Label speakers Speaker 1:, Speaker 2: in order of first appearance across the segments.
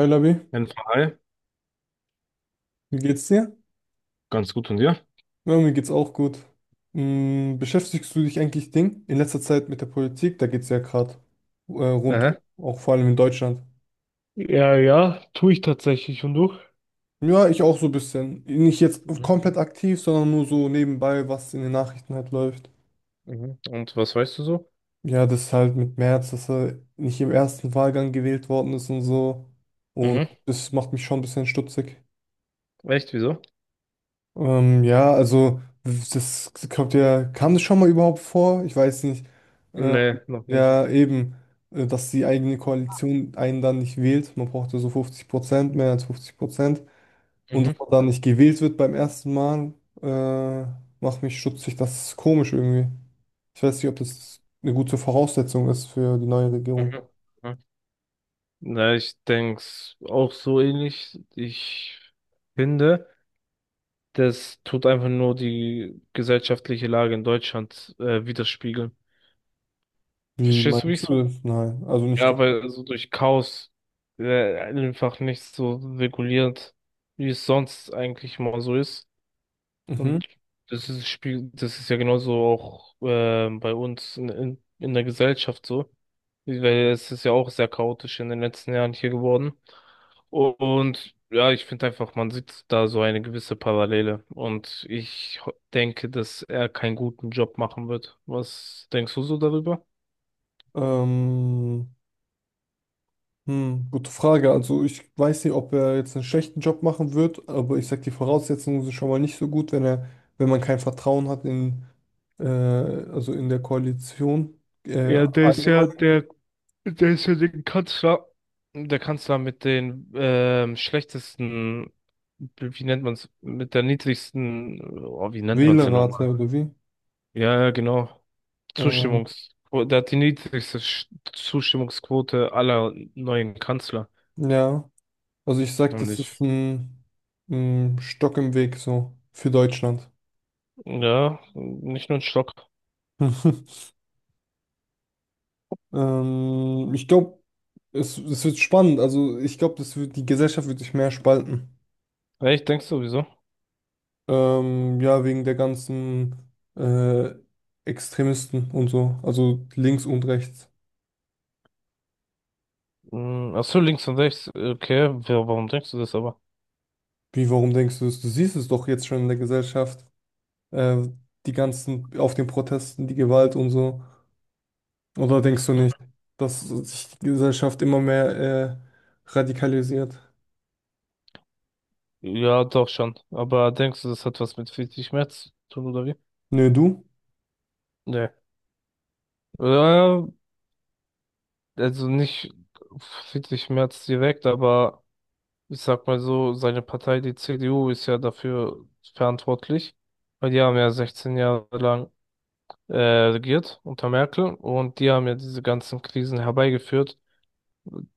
Speaker 1: Hi Labi,
Speaker 2: Jens, hi,
Speaker 1: wie geht's dir?
Speaker 2: ganz gut von dir.
Speaker 1: Ja, mir geht's auch gut. Beschäftigst du dich eigentlich Ding in letzter Zeit mit der Politik? Da geht's ja gerade rund, um,
Speaker 2: Aha.
Speaker 1: auch vor allem in Deutschland.
Speaker 2: Ja, ja, tue ich tatsächlich. Und du?
Speaker 1: Ja, ich auch so ein bisschen. Nicht jetzt
Speaker 2: Mhm.
Speaker 1: komplett aktiv, sondern nur so nebenbei, was in den Nachrichten halt läuft.
Speaker 2: Mhm. Und was weißt du so?
Speaker 1: Ja, das ist halt mit Merz, dass er nicht im ersten Wahlgang gewählt worden ist und so. Und
Speaker 2: Mhm.
Speaker 1: das macht mich schon ein bisschen stutzig.
Speaker 2: Echt, wieso?
Speaker 1: Ja, also das kommt ja, kam das schon mal überhaupt vor? Ich weiß nicht. Äh,
Speaker 2: Nee, noch nie.
Speaker 1: ja, eben, dass die eigene Koalition einen dann nicht wählt. Man braucht ja so 50%, mehr als 50%. Und dass
Speaker 2: Mhm.
Speaker 1: man dann nicht gewählt wird beim ersten Mal, äh, macht mich stutzig. Das ist komisch irgendwie. Ich weiß nicht, ob das eine gute Voraussetzung ist für die neue Regierung.
Speaker 2: Mhm. Mhm. Na, ich denk's auch so ähnlich. Ich finde, das tut einfach nur die gesellschaftliche Lage in Deutschland widerspiegeln.
Speaker 1: Wie
Speaker 2: Verstehst du, wie
Speaker 1: meinst
Speaker 2: ich's meine?
Speaker 1: du das? Nein, also nicht
Speaker 2: Ja,
Speaker 1: ganz.
Speaker 2: weil so durch Chaos einfach nicht so reguliert, wie es sonst eigentlich mal so ist.
Speaker 1: Mhm.
Speaker 2: Und das ist ja genauso auch bei uns in der Gesellschaft so, weil es ist ja auch sehr chaotisch in den letzten Jahren hier geworden. Und ja, ich finde einfach, man sieht da so eine gewisse Parallele. Und denke, dass er keinen guten Job machen wird. Was denkst du so darüber?
Speaker 1: Ähm, gute Frage. Also ich weiß nicht, ob er jetzt einen schlechten Job machen wird, aber ich sag, die Voraussetzungen sind schon mal nicht so gut, wenn er, wenn man kein Vertrauen hat in, also in der Koalition, äh,
Speaker 2: Ja, der ist
Speaker 1: allgemein
Speaker 2: ja, der Deswegen kannst du da, da kannst du mit den schlechtesten, wie nennt man es, mit der niedrigsten, oh, wie nennt man es denn
Speaker 1: Wählerrate
Speaker 2: nochmal?
Speaker 1: oder wie?
Speaker 2: Ja, ja, genau.
Speaker 1: Ähm,
Speaker 2: Der hat die Zustimmungsquote aller neuen Kanzler.
Speaker 1: ja, also ich sag,
Speaker 2: Und
Speaker 1: das ist
Speaker 2: ich,
Speaker 1: ein Stock im Weg so für Deutschland.
Speaker 2: ja, nicht nur ein Stock.
Speaker 1: Ich glaube, es wird spannend. Also ich glaube, das wird, die Gesellschaft wird sich mehr spalten.
Speaker 2: Ja, ich denke sowieso.
Speaker 1: Ja, wegen der ganzen äh, Extremisten und so, also links und rechts.
Speaker 2: Hm. Ach so, links und rechts. Okay, warum denkst du das aber?
Speaker 1: Wie, warum denkst du das? Du siehst es doch jetzt schon in der Gesellschaft, äh, die ganzen, auf den Protesten, die Gewalt und so. Oder denkst du
Speaker 2: Hm.
Speaker 1: nicht, dass sich die Gesellschaft immer mehr äh, radikalisiert?
Speaker 2: Ja, doch schon. Aber denkst du, das hat was mit Friedrich Merz zu tun, oder wie?
Speaker 1: Nö, du?
Speaker 2: Nee. Ja, also nicht 40 März direkt, aber ich sag mal so, seine Partei, die CDU, ist ja dafür verantwortlich, weil die haben ja 16 Jahre lang äh, regiert unter Merkel und die haben ja diese ganzen Krisen herbeigeführt.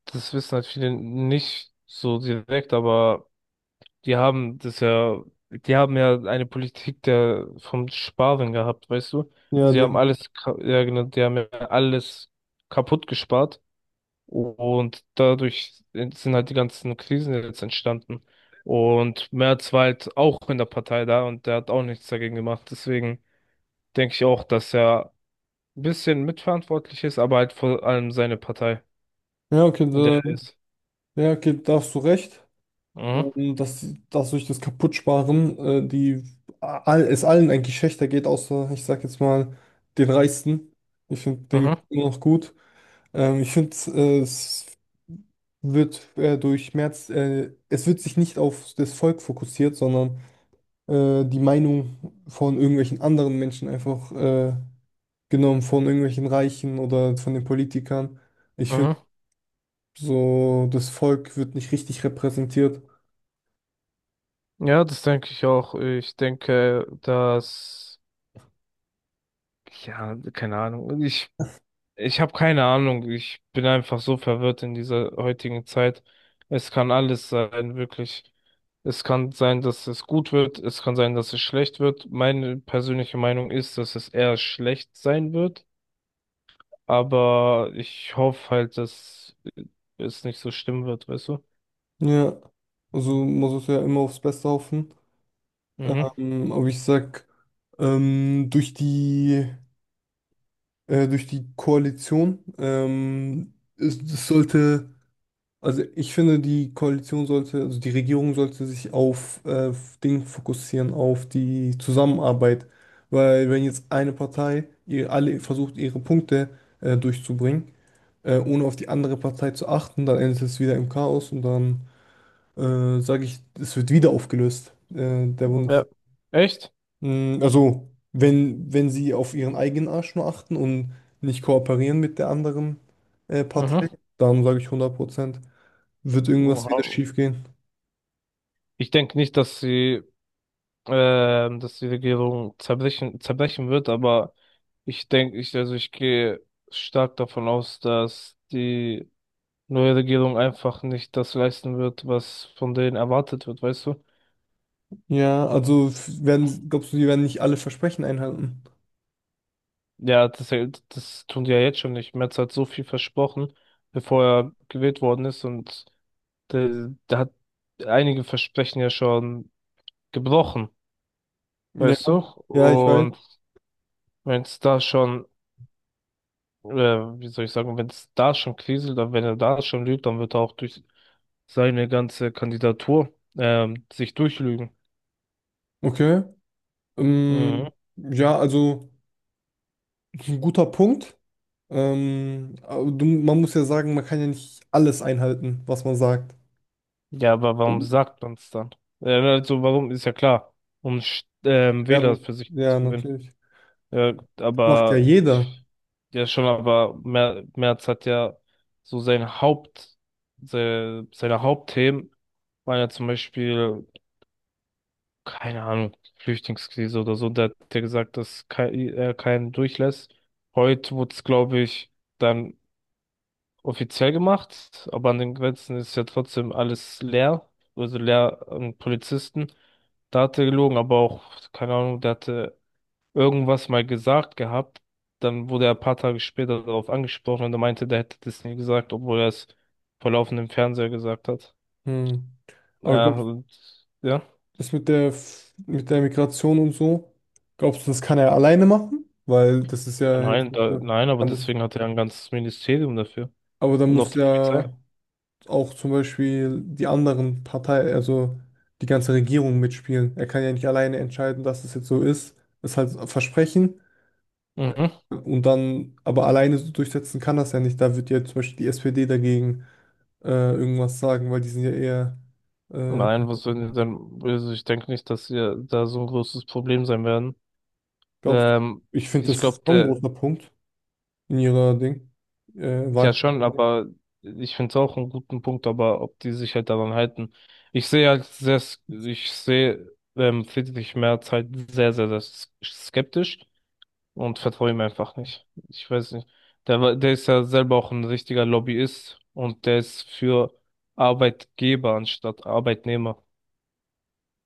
Speaker 2: Das wissen halt viele nicht so direkt, aber die haben das ja, die haben ja eine Politik der vom Sparen gehabt, weißt du?
Speaker 1: Ja,
Speaker 2: Sie
Speaker 1: die
Speaker 2: haben
Speaker 1: haben.
Speaker 2: alles, ja genau, die haben ja alles kaputt gespart. Und dadurch sind halt die ganzen Krisen jetzt entstanden. Und Merz war halt auch in der Partei da und der hat auch nichts dagegen gemacht. Deswegen denke ich auch, dass er ein bisschen mitverantwortlich ist, aber halt vor allem seine Partei,
Speaker 1: Ja, okay,
Speaker 2: in der
Speaker 1: da,
Speaker 2: er ist.
Speaker 1: ja, okay, da hast du recht.
Speaker 2: Mhm.
Speaker 1: Dass durch das Kaputtsparen die all, es allen eigentlich schlechter geht, außer ich sag jetzt mal den Reichsten. Ich finde den
Speaker 2: Mhm.
Speaker 1: geht's immer noch gut. Ich finde es wird durch Merz, es wird sich nicht auf das Volk fokussiert, sondern die Meinung von irgendwelchen anderen Menschen einfach genommen, von irgendwelchen Reichen oder von den Politikern. Ich finde
Speaker 2: Mhm.
Speaker 1: so, das Volk wird nicht richtig repräsentiert.
Speaker 2: Ja, das denke ich auch. Ja, keine Ahnung. Ich habe keine Ahnung. Ich bin einfach so verwirrt in dieser heutigen Zeit. Es kann alles sein, wirklich. Es kann sein, dass es gut wird. Es kann sein, dass es schlecht wird. Meine persönliche Meinung ist, dass es eher schlecht sein wird. Aber ich hoffe halt, dass es nicht so schlimm wird, weißt du?
Speaker 1: Ja, also man sollte ja immer aufs Beste hoffen.
Speaker 2: Mhm.
Speaker 1: Aber ich sag, ähm, durch die, durch die Koalition, es sollte, also ich finde, die Koalition sollte, also die Regierung sollte sich auf Dinge fokussieren, auf die Zusammenarbeit. Weil wenn jetzt eine Partei ihr, alle versucht, ihre Punkte durchzubringen, ohne auf die andere Partei zu achten, dann endet es wieder im Chaos und dann sage ich, es wird wieder aufgelöst. Der Bundes.
Speaker 2: Ja. Echt?
Speaker 1: Also, wenn sie auf ihren eigenen Arsch nur achten und nicht kooperieren mit der anderen Partei,
Speaker 2: Mhm.
Speaker 1: dann sage ich 100% wird irgendwas wieder
Speaker 2: Oha.
Speaker 1: schiefgehen.
Speaker 2: Ich denke nicht, dass sie dass die Regierung zerbrechen wird, aber also ich gehe stark davon aus, dass die neue Regierung einfach nicht das leisten wird, was von denen erwartet wird, weißt du?
Speaker 1: Ja, also werden, glaubst du, die werden nicht alle Versprechen einhalten?
Speaker 2: Ja, das, das tun die ja jetzt schon nicht. Merz hat so viel versprochen, bevor er gewählt worden ist und der hat einige Versprechen ja schon gebrochen,
Speaker 1: Ja,
Speaker 2: weißt du?
Speaker 1: ja, ich weiß.
Speaker 2: Und wenn es da schon äh, wie soll ich sagen, wenn es da schon kriselt, dann wenn er da schon lügt, dann wird er auch durch seine ganze Kandidatur sich durchlügen.
Speaker 1: Okay. Ähm,
Speaker 2: Mhm.
Speaker 1: ja, also das ist ein guter Punkt. Aber du, man muss ja sagen, man kann ja nicht alles einhalten, was man sagt.
Speaker 2: Ja, aber warum sagt man es dann? Also warum ist ja klar, um Wähler
Speaker 1: Werbung,
Speaker 2: für sich
Speaker 1: ja,
Speaker 2: zu gewinnen.
Speaker 1: natürlich.
Speaker 2: Ja,
Speaker 1: Macht ja
Speaker 2: aber
Speaker 1: jeder.
Speaker 2: ich- ja schon, aber Merz hat ja so sein Haupt, seine Hauptthemen waren ja zum Beispiel keine Ahnung, Flüchtlingskrise oder so, da hat der gesagt, dass kein, er keinen durchlässt. Heute wurde es, glaube ich, dann offiziell gemacht, aber an den Grenzen ist ja trotzdem alles leer, also leer an Polizisten. Da hat er gelogen, aber auch, keine Ahnung, der hatte irgendwas mal gesagt gehabt. Dann wurde er ein paar Tage später darauf angesprochen und er meinte, der hätte das nie gesagt, obwohl er es vor laufendem Fernseher gesagt hat.
Speaker 1: Hm. Aber
Speaker 2: Ja,
Speaker 1: glaubst
Speaker 2: und, ja.
Speaker 1: das mit der, mit der Migration und so, glaubst du, das kann er alleine machen? Weil das ist ja jetzt nicht so,
Speaker 2: Nein, aber
Speaker 1: da muss,
Speaker 2: deswegen hat er ein ganzes Ministerium dafür.
Speaker 1: aber da
Speaker 2: Und auch
Speaker 1: muss
Speaker 2: die Polizei.
Speaker 1: ja auch zum Beispiel die anderen Partei, also die ganze Regierung mitspielen. Er kann ja nicht alleine entscheiden, dass es jetzt so ist. Das ist halt ein Versprechen.
Speaker 2: Mhm.
Speaker 1: äh, Und dann, aber alleine so durchsetzen kann das ja nicht. Da wird ja zum Beispiel die SPD dagegen äh, irgendwas sagen, weil die sind ja eher äh,
Speaker 2: Nein, was soll denn, also ich denke nicht, dass ihr da so ein großes Problem sein werden.
Speaker 1: Glaubst du?
Speaker 2: Ähm,
Speaker 1: Ich finde
Speaker 2: ich
Speaker 1: das ist
Speaker 2: glaube,
Speaker 1: schon ein
Speaker 2: der,
Speaker 1: großer Punkt in ihrer Ding,
Speaker 2: ja
Speaker 1: Wahl.
Speaker 2: schon, aber ich finde es auch einen guten Punkt, aber ob die sich halt daran halten. Ich sehe Friedrich Merz halt sehr, sehr, skeptisch. Und vertraue ihm einfach nicht. Ich weiß nicht. Der ist ja selber auch ein richtiger Lobbyist und der ist für Arbeitgeber anstatt Arbeitnehmer.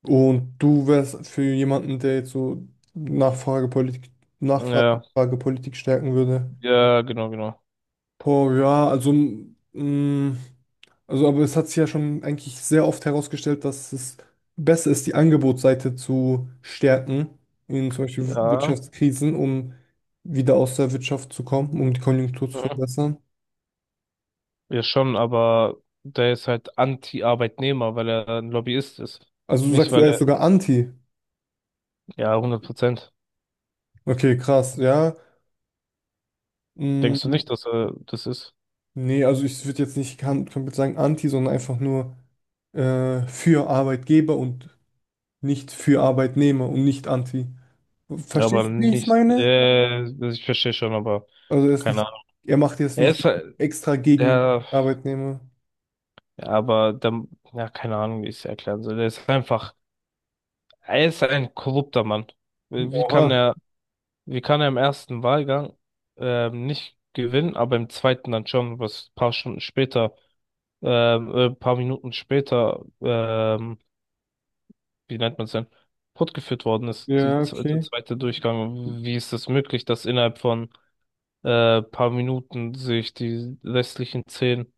Speaker 1: Und du wärst für jemanden, der jetzt so Nachfragepolitik,
Speaker 2: Ja,
Speaker 1: Nachfragepolitik stärken würde.
Speaker 2: ja, genau, genau.
Speaker 1: Boah, ja, also, mh, also, aber es hat sich ja schon eigentlich sehr oft herausgestellt, dass es besser ist, die Angebotsseite zu stärken in zum Beispiel
Speaker 2: Ja,
Speaker 1: Wirtschaftskrisen, um wieder aus der Wirtschaft zu kommen, um die Konjunktur zu
Speaker 2: mhm.
Speaker 1: verbessern.
Speaker 2: Ja schon, aber der ist halt Anti-Arbeitnehmer, weil er ein Lobbyist ist.
Speaker 1: Also, du
Speaker 2: Nicht,
Speaker 1: sagst,
Speaker 2: weil
Speaker 1: er ist
Speaker 2: er,
Speaker 1: sogar anti.
Speaker 2: ja, 100%.
Speaker 1: Okay, krass, ja.
Speaker 2: Denkst du
Speaker 1: Mm,
Speaker 2: nicht, dass er das ist?
Speaker 1: Nee, also ich würde jetzt nicht komplett sagen anti, sondern einfach nur für Arbeitgeber und nicht für Arbeitnehmer und nicht anti.
Speaker 2: Aber
Speaker 1: Verstehst du, wie ich es
Speaker 2: nicht,
Speaker 1: meine?
Speaker 2: ich verstehe schon, aber
Speaker 1: Also er ist
Speaker 2: keine
Speaker 1: nicht,
Speaker 2: Ahnung.
Speaker 1: er macht jetzt
Speaker 2: Er
Speaker 1: nicht
Speaker 2: ist halt,
Speaker 1: extra gegen
Speaker 2: ja.
Speaker 1: Arbeitnehmer.
Speaker 2: Aber dann, ja, keine Ahnung, wie ich es erklären soll. Er ist ein korrupter Mann. Wie wie kann
Speaker 1: Oha.
Speaker 2: er, wie kann er im ersten Wahlgang nicht gewinnen, aber im zweiten dann schon, was ein paar Stunden später, ein paar Minuten später, wie nennt man es denn, fortgeführt worden ist,
Speaker 1: Ja,
Speaker 2: der
Speaker 1: okay.
Speaker 2: zweite Durchgang. Wie ist es möglich, dass innerhalb von paar Minuten sich die restlichen 10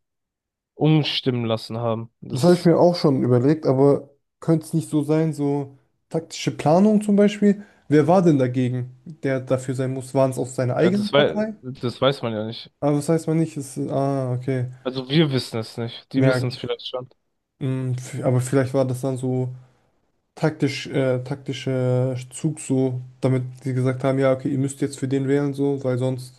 Speaker 2: umstimmen lassen haben?
Speaker 1: Das habe ich mir auch schon überlegt, aber könnte es nicht so sein, so taktische Planung zum Beispiel? Wer war denn dagegen, der dafür sein muss? Waren es aus seiner eigenen Partei?
Speaker 2: Das weiß man ja nicht.
Speaker 1: Aber das weiß man nicht. Es, ah, okay.
Speaker 2: Also wir wissen es nicht. Die
Speaker 1: Ja,
Speaker 2: wissen es vielleicht schon.
Speaker 1: Aber vielleicht war das dann so taktisch, taktischer Zug so, damit sie gesagt haben, ja, okay, ihr müsst jetzt für den wählen so, weil sonst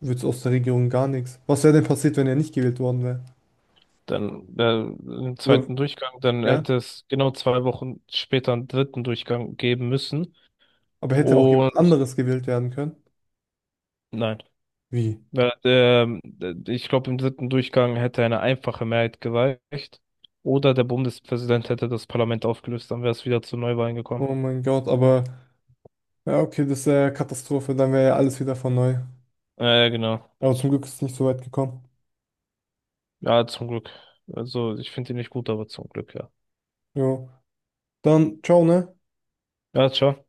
Speaker 1: wird es aus der Regierung gar nichts. Was wäre denn passiert, wenn er nicht gewählt worden wäre?
Speaker 2: Dann im
Speaker 1: Oder,
Speaker 2: zweiten Durchgang, dann
Speaker 1: ja,
Speaker 2: hätte es genau 2 Wochen später einen dritten Durchgang geben müssen.
Speaker 1: aber hätte auch jemand
Speaker 2: Und
Speaker 1: anderes gewählt werden können?
Speaker 2: nein.
Speaker 1: Wie?
Speaker 2: Weil, ich glaube, im dritten Durchgang hätte eine einfache Mehrheit gereicht. Oder der Bundespräsident hätte das Parlament aufgelöst, dann wäre es wieder zu Neuwahlen gekommen.
Speaker 1: Oh mein Gott, aber ja, okay, das wäre ja Katastrophe, dann wäre ja alles wieder von neu.
Speaker 2: Ja, genau.
Speaker 1: Aber zum Glück ist es nicht so weit gekommen.
Speaker 2: Ja, zum Glück. Also ich finde ihn nicht gut, aber zum Glück, ja.
Speaker 1: Jo. Dann, ciao, ne?
Speaker 2: Ja, ciao.